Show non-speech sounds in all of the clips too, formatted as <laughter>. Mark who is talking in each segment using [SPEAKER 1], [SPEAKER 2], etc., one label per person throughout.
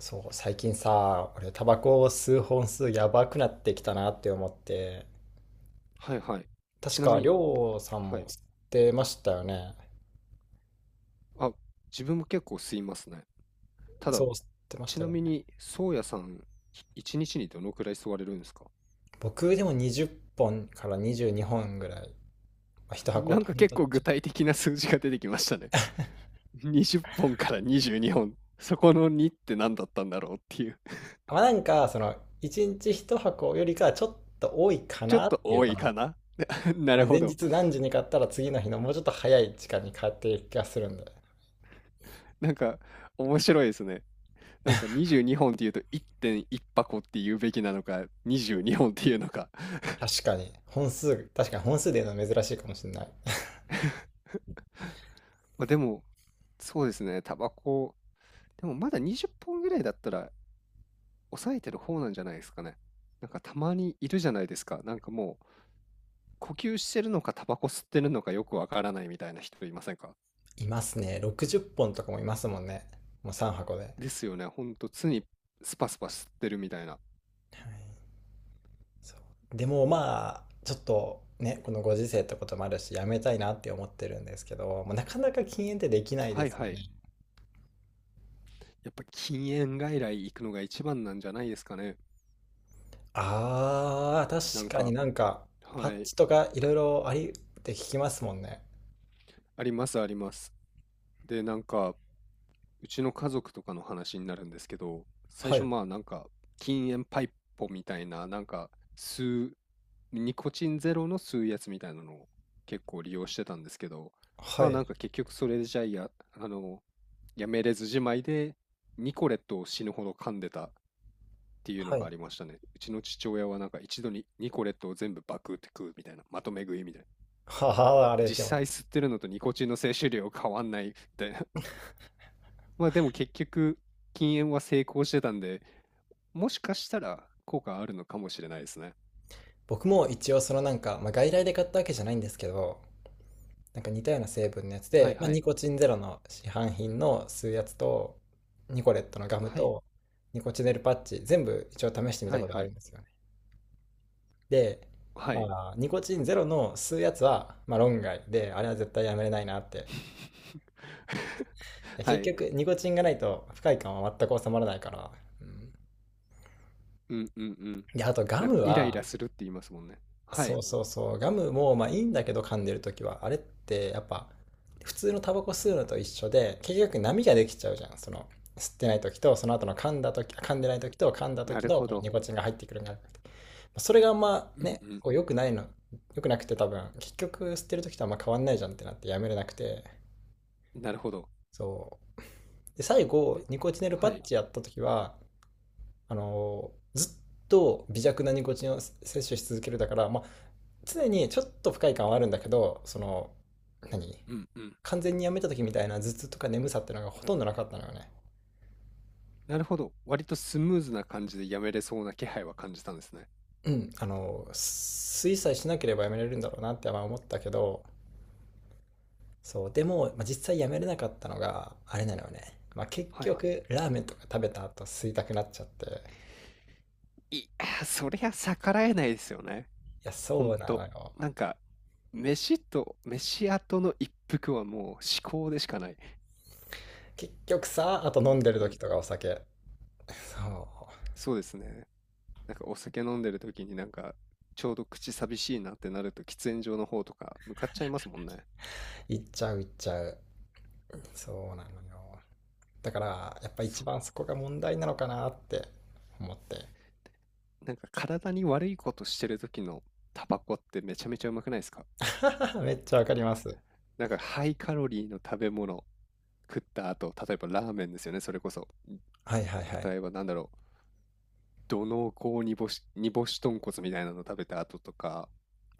[SPEAKER 1] そう、最近さ、俺タバコを吸う本数やばくなってきたなって思って、
[SPEAKER 2] はいはい。ち
[SPEAKER 1] 確
[SPEAKER 2] な
[SPEAKER 1] か
[SPEAKER 2] み
[SPEAKER 1] り
[SPEAKER 2] に、
[SPEAKER 1] ょうさん
[SPEAKER 2] は
[SPEAKER 1] も
[SPEAKER 2] い。
[SPEAKER 1] 吸ってましたよね。
[SPEAKER 2] あ、自分も結構吸いますね。ただ、
[SPEAKER 1] そう、吸ってまし
[SPEAKER 2] ち
[SPEAKER 1] た
[SPEAKER 2] な
[SPEAKER 1] よ
[SPEAKER 2] み
[SPEAKER 1] ね。
[SPEAKER 2] に、宗谷さん、一日にどのくらい吸われるんですか？
[SPEAKER 1] 僕でも20本から22本ぐらい、まあ、1
[SPEAKER 2] <laughs>
[SPEAKER 1] 箱
[SPEAKER 2] なん
[SPEAKER 1] と
[SPEAKER 2] か
[SPEAKER 1] ほん
[SPEAKER 2] 結
[SPEAKER 1] と
[SPEAKER 2] 構
[SPEAKER 1] ち
[SPEAKER 2] 具
[SPEAKER 1] ょっ
[SPEAKER 2] 体的な数字が出てきましたね。<laughs> 20本から22本。そこの2って何だったんだろうっていう。<laughs>
[SPEAKER 1] と。まあなんか、1日一箱よりかはちょっと多いか
[SPEAKER 2] ちょっ
[SPEAKER 1] なっ
[SPEAKER 2] と
[SPEAKER 1] ていう
[SPEAKER 2] 多
[SPEAKER 1] か
[SPEAKER 2] い
[SPEAKER 1] な。
[SPEAKER 2] かな。 <laughs> な
[SPEAKER 1] ま
[SPEAKER 2] る
[SPEAKER 1] あ
[SPEAKER 2] ほ
[SPEAKER 1] 前
[SPEAKER 2] ど。
[SPEAKER 1] 日何時に買ったら次の日のもうちょっと早い時間に買っている気がするんで。
[SPEAKER 2] なんか面白いですね。なんか22本っていうと1.1箱って言うべきなのか、22本っていうのか。<laughs>
[SPEAKER 1] 確かに、本数で言うのは珍しいかもしれない。
[SPEAKER 2] まあでも、そうですね。タバコでもまだ20本ぐらいだったら抑えてる方なんじゃないですかね。なんかたまにいるじゃないですか。なんかもう呼吸してるのかタバコ吸ってるのかよくわからないみたいな人いませんか？
[SPEAKER 1] いますね。60本とかもいますもんね。もう3箱で。
[SPEAKER 2] ですよね。ほんと常にスパスパ吸ってるみたいな。
[SPEAKER 1] はい、そうでもまあ、ちょっとね、このご時世ってこともあるし、やめたいなって思ってるんですけど、もうなかなか禁煙ってできない
[SPEAKER 2] は
[SPEAKER 1] で
[SPEAKER 2] い
[SPEAKER 1] すよ
[SPEAKER 2] はい。
[SPEAKER 1] ね。
[SPEAKER 2] やっぱ禁煙外来行くのが一番なんじゃないですかね。
[SPEAKER 1] あー、
[SPEAKER 2] なん
[SPEAKER 1] 確かに
[SPEAKER 2] か、
[SPEAKER 1] なんか、パ
[SPEAKER 2] は
[SPEAKER 1] ッ
[SPEAKER 2] い。
[SPEAKER 1] チとかいろいろありって聞きますもんね。
[SPEAKER 2] ありますあります。で、なんかうちの家族とかの話になるんですけど、最
[SPEAKER 1] は
[SPEAKER 2] 初
[SPEAKER 1] い、
[SPEAKER 2] まあなんか禁煙パイポみたいな、なんか吸う、ニコチンゼロの吸うやつみたいなのを結構利用してたんですけど、
[SPEAKER 1] は
[SPEAKER 2] まあな
[SPEAKER 1] い、
[SPEAKER 2] んか結局それじゃや、あの、やめれずじまいでニコレットを死ぬほど噛んでたっていうの
[SPEAKER 1] は
[SPEAKER 2] が
[SPEAKER 1] い。
[SPEAKER 2] ありましたね。うちの父親はなんか一度にニコレットを全部バクって食うみたいな、まとめ食いみたいな。
[SPEAKER 1] ははあれ、で
[SPEAKER 2] 実
[SPEAKER 1] も、
[SPEAKER 2] 際吸ってるのとニコチンの摂取量変わんないみたいな、まあ、でも結局、禁煙は成功してたんで、もしかしたら効果あるのかもしれないですね。
[SPEAKER 1] 僕も一応まあ、外来で買ったわけじゃないんですけど、なんか似たような成分のやつ
[SPEAKER 2] はい
[SPEAKER 1] で、まあ、
[SPEAKER 2] は
[SPEAKER 1] ニ
[SPEAKER 2] い。
[SPEAKER 1] コチンゼロの市販品の吸うやつと、ニコレットのガム
[SPEAKER 2] はい
[SPEAKER 1] と、ニコチネルパッチ、全部一応試してみた
[SPEAKER 2] はい
[SPEAKER 1] ことあ
[SPEAKER 2] は
[SPEAKER 1] る
[SPEAKER 2] い。
[SPEAKER 1] んですよね。で、
[SPEAKER 2] は
[SPEAKER 1] ま
[SPEAKER 2] い。
[SPEAKER 1] あ、ニコチンゼロの吸うやつは、まあ、論外で、あれは絶対やめれないなって。
[SPEAKER 2] <laughs>
[SPEAKER 1] いや
[SPEAKER 2] は
[SPEAKER 1] 結
[SPEAKER 2] い。
[SPEAKER 1] 局、ニコチンがないと不快感は全く収まらないから。うん、
[SPEAKER 2] うんうんうん。
[SPEAKER 1] で、あとガ
[SPEAKER 2] なんか
[SPEAKER 1] ム
[SPEAKER 2] イライ
[SPEAKER 1] は、
[SPEAKER 2] ラするって言いますもんね。は
[SPEAKER 1] そ
[SPEAKER 2] い。
[SPEAKER 1] うそうそう。ガムもまあいいんだけど噛んでるときは、あれってやっぱ普通のタバコ吸うのと一緒で、結局波ができちゃうじゃん。その吸ってないときと、その後の噛んだとき、噛んでないときと噛んだと
[SPEAKER 2] な
[SPEAKER 1] き
[SPEAKER 2] る
[SPEAKER 1] の
[SPEAKER 2] ほ
[SPEAKER 1] このニ
[SPEAKER 2] ど。
[SPEAKER 1] コチンが入ってくるんだ。それがあんま
[SPEAKER 2] うん
[SPEAKER 1] ね、
[SPEAKER 2] う
[SPEAKER 1] 良くなくて多分、結局吸ってるときとあんま変わんないじゃんってなってやめれなくて。
[SPEAKER 2] ん。なるほど。
[SPEAKER 1] そう。で、最後、ニコチネルパ
[SPEAKER 2] は
[SPEAKER 1] ッ
[SPEAKER 2] い。
[SPEAKER 1] チやったときは、ずっと微弱なニコチンを摂取し続けるだから、まあ、常にちょっと不快感はあるんだけど、その何
[SPEAKER 2] うんうん。
[SPEAKER 1] 完全にやめた時みたいな頭痛とか眠さっていうのがほとんどなかったのよね。
[SPEAKER 2] なるほど。割とスムーズな感じでやめれそうな気配は感じたんですね。
[SPEAKER 1] うん、あの、水さえしなければやめられるんだろうなって思ったけど。そうでも、まあ、実際やめれなかったのがあれなのよね、まあ、結
[SPEAKER 2] はい。
[SPEAKER 1] 局ラーメンとか食べた後吸いたくなっちゃって。い
[SPEAKER 2] いやー、そりゃ逆らえないですよね。
[SPEAKER 1] や
[SPEAKER 2] ほん
[SPEAKER 1] そうな
[SPEAKER 2] と、
[SPEAKER 1] のよ。
[SPEAKER 2] なんか、飯と、飯後の一服はもう至高でしかない。
[SPEAKER 1] 結局さあ、と飲んでる
[SPEAKER 2] ほ
[SPEAKER 1] 時
[SPEAKER 2] ん、
[SPEAKER 1] とか、お酒。そ
[SPEAKER 2] そうですね。なんかお酒飲んでる時になんか、ちょうど口寂しいなってなると喫煙所の方とか向かっちゃいますもんね。
[SPEAKER 1] う、いっちゃういっちゃう。そうなのよ、だからやっぱ
[SPEAKER 2] そ
[SPEAKER 1] 一番そこが問題なのかなって思って。
[SPEAKER 2] う、なんか体に悪いことしてる時のタバコってめちゃめちゃうまくないですか？
[SPEAKER 1] <laughs> めっちゃわかります。
[SPEAKER 2] なんかハイカロリーの食べ物食った後、例えばラーメンですよね、それこそ。
[SPEAKER 1] はい、はい、はい、
[SPEAKER 2] 例えばなんだろう、土のうこう煮干し、煮干し豚骨みたいなの食べた後とか、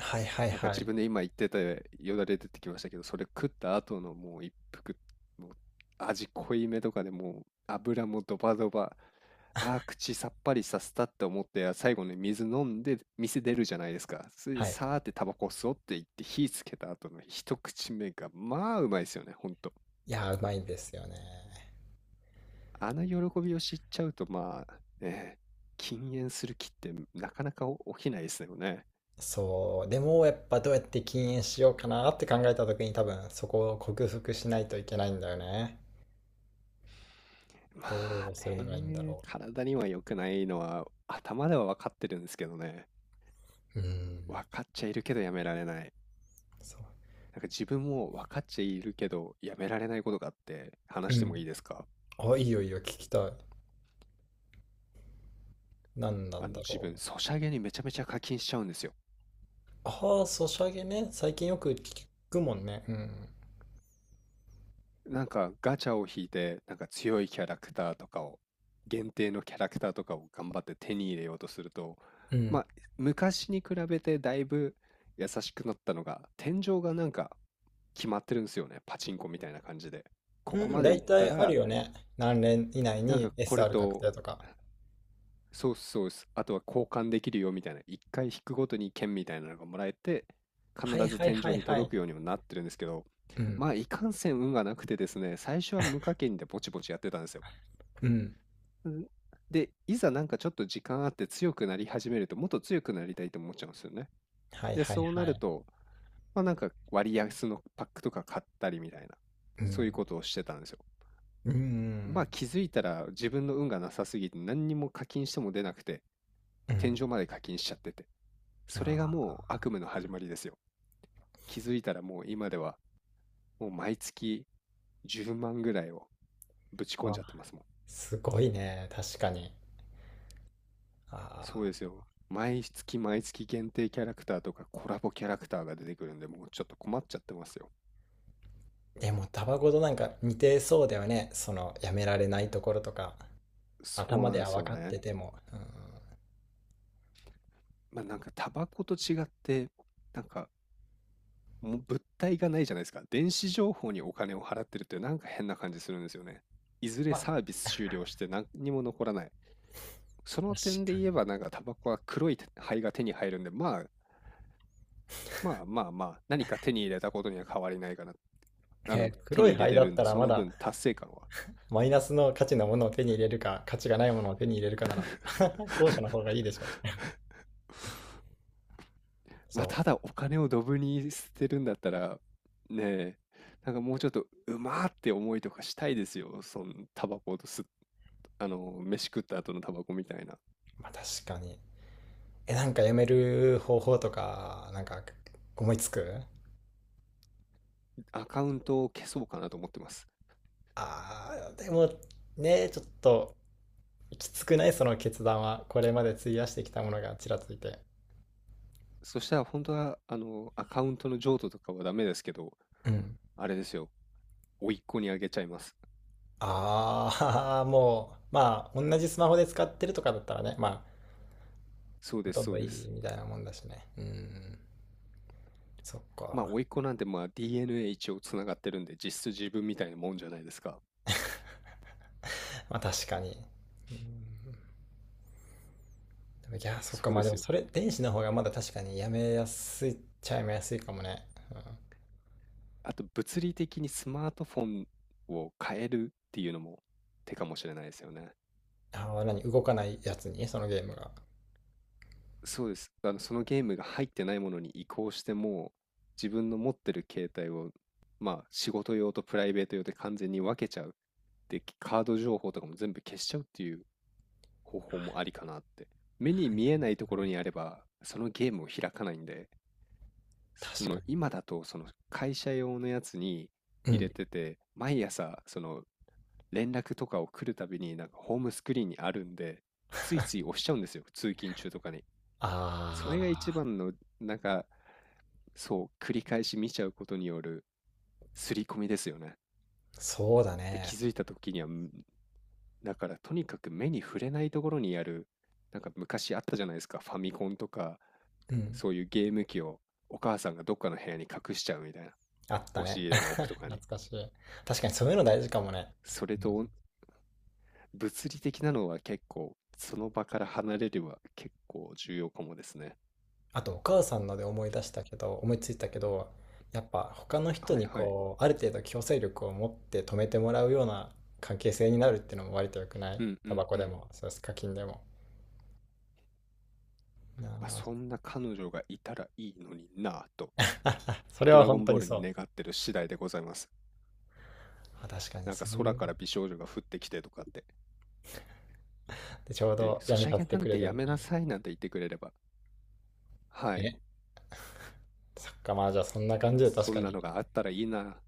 [SPEAKER 1] はい、はい、
[SPEAKER 2] なんか
[SPEAKER 1] は
[SPEAKER 2] 自
[SPEAKER 1] い、
[SPEAKER 2] 分で今言ってたよだれ出てきましたけど、それ食った後のもう一服、もう味濃いめとかでもう油もドバドバ、あー口さっぱりさせたって思って、最後に水飲んで店出るじゃないですか。それで
[SPEAKER 1] はい、
[SPEAKER 2] さーってタバコ吸おうって言って火つけた後の一口目が、まあうまいですよね、ほんと。
[SPEAKER 1] いやーうまいですよね。
[SPEAKER 2] あの喜びを知っちゃうと、まあね、禁煙する気ってなかなか起きないですよね。
[SPEAKER 1] そうでもやっぱどうやって禁煙しようかなって考えた時に多分そこを克服しないといけないんだよね。
[SPEAKER 2] ま
[SPEAKER 1] ど
[SPEAKER 2] あ
[SPEAKER 1] うするのがいいんだ
[SPEAKER 2] ね、
[SPEAKER 1] ろ
[SPEAKER 2] 体には良くないのは頭では分かってるんですけどね。
[SPEAKER 1] う。うーん。
[SPEAKER 2] 分かっちゃいるけどやめられない。
[SPEAKER 1] そう。
[SPEAKER 2] なんか自分も分かっちゃいるけどやめられないことがあって
[SPEAKER 1] う
[SPEAKER 2] 話しても
[SPEAKER 1] ん、
[SPEAKER 2] いいですか？
[SPEAKER 1] あ、いいよいいよ、聞きたい。何な
[SPEAKER 2] あ
[SPEAKER 1] ん
[SPEAKER 2] の
[SPEAKER 1] だ
[SPEAKER 2] 自
[SPEAKER 1] ろ
[SPEAKER 2] 分、
[SPEAKER 1] う。
[SPEAKER 2] ソシャゲにめちゃめちゃ課金しちゃうんですよ。
[SPEAKER 1] ああ、ソシャゲね、最近よく聞くもんね。うん、
[SPEAKER 2] なんかガチャを引いて、なんか強いキャラクターとかを、限定のキャラクターとかを頑張って手に入れようとすると、
[SPEAKER 1] う
[SPEAKER 2] ま
[SPEAKER 1] ん、
[SPEAKER 2] あ昔に比べてだいぶ優しくなったのが、天井がなんか決まってるんですよね。パチンコみたいな感じで。こ
[SPEAKER 1] う
[SPEAKER 2] こま
[SPEAKER 1] ん、
[SPEAKER 2] で
[SPEAKER 1] 大
[SPEAKER 2] 行った
[SPEAKER 1] 体ある
[SPEAKER 2] ら、
[SPEAKER 1] よね。何年以内
[SPEAKER 2] なん
[SPEAKER 1] に
[SPEAKER 2] かこれ
[SPEAKER 1] SR 確
[SPEAKER 2] と、
[SPEAKER 1] 定とか。
[SPEAKER 2] そうっすそうです、あとは交換できるよみたいな、一回引くごとに券みたいなのがもらえて、必
[SPEAKER 1] はい、
[SPEAKER 2] ず
[SPEAKER 1] はい、
[SPEAKER 2] 天井
[SPEAKER 1] はい、
[SPEAKER 2] に
[SPEAKER 1] はい。
[SPEAKER 2] 届くようにもなってるんですけど、
[SPEAKER 1] うん、
[SPEAKER 2] まあ、いかんせん運がなくてですね、最初は無課金でぼちぼちやってたんですよ。
[SPEAKER 1] うん。
[SPEAKER 2] んで、いざなんかちょっと時間あって強くなり始めると、もっと強くなりたいと思っちゃうんですよね。
[SPEAKER 1] はい、
[SPEAKER 2] で、
[SPEAKER 1] はい、
[SPEAKER 2] そうな
[SPEAKER 1] は
[SPEAKER 2] る
[SPEAKER 1] い。
[SPEAKER 2] と、まあなんか割安のパックとか買ったりみたいな、
[SPEAKER 1] う
[SPEAKER 2] そういう
[SPEAKER 1] ん、
[SPEAKER 2] ことをしてたんですよ。
[SPEAKER 1] う
[SPEAKER 2] まあ
[SPEAKER 1] ん、
[SPEAKER 2] 気づいたら自分の運がなさすぎて何にも課金しても出なくて、
[SPEAKER 1] う
[SPEAKER 2] 天
[SPEAKER 1] ん。
[SPEAKER 2] 井まで課金しちゃってて、それが
[SPEAKER 1] あ
[SPEAKER 2] もう悪夢の始まりですよ。気づいたらもう今ではもう毎月10万ぐらいをぶち
[SPEAKER 1] ー
[SPEAKER 2] 込ん
[SPEAKER 1] あ、
[SPEAKER 2] じゃってますもん。
[SPEAKER 1] すごいね。確かに。あ
[SPEAKER 2] そう
[SPEAKER 1] あ、
[SPEAKER 2] ですよ、毎月毎月限定キャラクターとかコラボキャラクターが出てくるんで、もうちょっと困っちゃってますよ。
[SPEAKER 1] でもタバコとなんか似てそうだよね。その、やめられないところとか。
[SPEAKER 2] そう
[SPEAKER 1] 頭
[SPEAKER 2] な
[SPEAKER 1] で
[SPEAKER 2] んで
[SPEAKER 1] は
[SPEAKER 2] す
[SPEAKER 1] 分
[SPEAKER 2] よ
[SPEAKER 1] かっ
[SPEAKER 2] ね。
[SPEAKER 1] てても。うん、
[SPEAKER 2] まあなんかタバコと違ってなんかもう物体がないじゃないですか。電子情報にお金を払ってるってなんか変な感じするんですよね。いずれ
[SPEAKER 1] まあ、
[SPEAKER 2] サービス終了して何にも残らない。そ
[SPEAKER 1] 確
[SPEAKER 2] の点で
[SPEAKER 1] か
[SPEAKER 2] 言え
[SPEAKER 1] に。
[SPEAKER 2] ばなんかタバコは黒い灰が手に入るんで、まあまあまあまあ、何か手に入れたことには変わりないかな。あの、
[SPEAKER 1] えー、
[SPEAKER 2] 手
[SPEAKER 1] 黒
[SPEAKER 2] に
[SPEAKER 1] い
[SPEAKER 2] 入れ
[SPEAKER 1] 灰
[SPEAKER 2] て
[SPEAKER 1] だ
[SPEAKER 2] る
[SPEAKER 1] っ
[SPEAKER 2] ん
[SPEAKER 1] た
[SPEAKER 2] で、
[SPEAKER 1] ら
[SPEAKER 2] そ
[SPEAKER 1] ま
[SPEAKER 2] の
[SPEAKER 1] だ
[SPEAKER 2] 分達成感は。
[SPEAKER 1] マイナスの価値のものを手に入れるか、価値がないものを手に入れるかなら、<laughs> 後者の方
[SPEAKER 2] <laughs>
[SPEAKER 1] がいいでしょ。
[SPEAKER 2] まあ、
[SPEAKER 1] そ
[SPEAKER 2] ただお金をドブに捨てるんだったら、ねえ、なんかもうちょっとうまーって思いとかしたいですよ。そのタバコと吸っ、あの、飯食った後のタバコみたいな。
[SPEAKER 1] う。まあ確かに。え、なんかやめる方法とか、なんか思いつく。
[SPEAKER 2] アカウントを消そうかなと思ってます。
[SPEAKER 1] あー、でもね、ちょっときつくないその決断は。これまで費やしてきたものがちらついて。
[SPEAKER 2] そしたら本当は、あの、アカウントの譲渡とかはダメですけど、
[SPEAKER 1] うん。
[SPEAKER 2] あれですよ。甥っ子にあげちゃいます。
[SPEAKER 1] ああ、<laughs> もう、まあ同じスマホで使ってるとかだったらね、まあ
[SPEAKER 2] そう
[SPEAKER 1] ほ
[SPEAKER 2] です、
[SPEAKER 1] とん
[SPEAKER 2] そ
[SPEAKER 1] ど
[SPEAKER 2] うで
[SPEAKER 1] いい
[SPEAKER 2] す。
[SPEAKER 1] みたいなもんだしね。うん。そっ
[SPEAKER 2] まあ、
[SPEAKER 1] か。
[SPEAKER 2] 甥っ子なんてまあ DNA 一応つながってるんで、実質自分みたいなもんじゃないですか。
[SPEAKER 1] まあ確かに。うん。でもいや、そっか。
[SPEAKER 2] そう
[SPEAKER 1] ま
[SPEAKER 2] で
[SPEAKER 1] あで
[SPEAKER 2] す
[SPEAKER 1] も
[SPEAKER 2] よ。
[SPEAKER 1] それ、電子の方がまだ確かにやめやすいっちゃやめやすいかもね。
[SPEAKER 2] あと、物理的にスマートフォンを変えるっていうのも手かもしれないですよね。
[SPEAKER 1] ああ、何、動かないやつに、そのゲームが。は
[SPEAKER 2] そうです。あの、そのゲームが入ってないものに移行しても、自分の持ってる携帯を、まあ、仕事用とプライベート用で完全に分けちゃう。で、カード情報とかも全部消しちゃうっていう方法もありかなって。目に見
[SPEAKER 1] い、
[SPEAKER 2] えないところにあれば、そのゲームを開かないんで、そ
[SPEAKER 1] 確
[SPEAKER 2] の
[SPEAKER 1] か
[SPEAKER 2] 今だと、その会社用のやつに
[SPEAKER 1] に。う
[SPEAKER 2] 入れ
[SPEAKER 1] ん。
[SPEAKER 2] てて、毎朝、その連絡とかを来るたびに、なんかホームスクリーンにあるんで、ついつい押しちゃうんですよ、通勤中とかに。それ
[SPEAKER 1] あ
[SPEAKER 2] が一
[SPEAKER 1] あ、
[SPEAKER 2] 番の、なんか、そう、繰り返し見ちゃうことによる刷り込みですよね。
[SPEAKER 1] そうだ
[SPEAKER 2] で、
[SPEAKER 1] ね。
[SPEAKER 2] 気づいた時には、ん、だからとにかく目に触れないところにある、なんか昔あったじゃないですか、ファミコンとか、
[SPEAKER 1] うん。
[SPEAKER 2] そういうゲーム機をお母さんがどっかの部屋に隠しちゃうみたいな、
[SPEAKER 1] あった
[SPEAKER 2] 押し
[SPEAKER 1] ね。
[SPEAKER 2] 入れの
[SPEAKER 1] <laughs>
[SPEAKER 2] 奥とか
[SPEAKER 1] 懐
[SPEAKER 2] に。
[SPEAKER 1] かしい。確かにそういうの大事かもね。
[SPEAKER 2] それ
[SPEAKER 1] うん。
[SPEAKER 2] とおん、物理的なのは結構、その場から離れれば結構重要かもですね。
[SPEAKER 1] あと、お母さんので思い出したけど、思いついたけど、やっぱ他の人
[SPEAKER 2] はい
[SPEAKER 1] に
[SPEAKER 2] はい。
[SPEAKER 1] こう、ある程度強制力を持って止めてもらうような関係性になるっていうのも割と良くない、
[SPEAKER 2] うんう
[SPEAKER 1] タバ
[SPEAKER 2] ん
[SPEAKER 1] コ
[SPEAKER 2] う
[SPEAKER 1] で
[SPEAKER 2] ん。
[SPEAKER 1] も、そうです、課金でも。な
[SPEAKER 2] まあ、
[SPEAKER 1] あ。
[SPEAKER 2] そんな彼女がいたらいいのになぁと、
[SPEAKER 1] <laughs> それ
[SPEAKER 2] ド
[SPEAKER 1] は
[SPEAKER 2] ラゴ
[SPEAKER 1] 本
[SPEAKER 2] ン
[SPEAKER 1] 当
[SPEAKER 2] ボー
[SPEAKER 1] に
[SPEAKER 2] ル
[SPEAKER 1] そ
[SPEAKER 2] に願
[SPEAKER 1] う。
[SPEAKER 2] ってる次第でございます。
[SPEAKER 1] まあ確かに
[SPEAKER 2] なん
[SPEAKER 1] そ
[SPEAKER 2] か
[SPEAKER 1] うい
[SPEAKER 2] 空
[SPEAKER 1] う。
[SPEAKER 2] から美少女が降ってきてとかって。
[SPEAKER 1] で、ちょう
[SPEAKER 2] で、
[SPEAKER 1] ど
[SPEAKER 2] ソ
[SPEAKER 1] やめ
[SPEAKER 2] シャ
[SPEAKER 1] さ
[SPEAKER 2] ゲ
[SPEAKER 1] せ
[SPEAKER 2] な
[SPEAKER 1] てく
[SPEAKER 2] ん
[SPEAKER 1] れ
[SPEAKER 2] て
[SPEAKER 1] る
[SPEAKER 2] や
[SPEAKER 1] み
[SPEAKER 2] め
[SPEAKER 1] たい
[SPEAKER 2] な
[SPEAKER 1] な。
[SPEAKER 2] さいなんて言ってくれれば、はい、
[SPEAKER 1] そっか、まあじゃあそんな感じで確
[SPEAKER 2] そ
[SPEAKER 1] か
[SPEAKER 2] んな
[SPEAKER 1] に
[SPEAKER 2] のがあったらいいな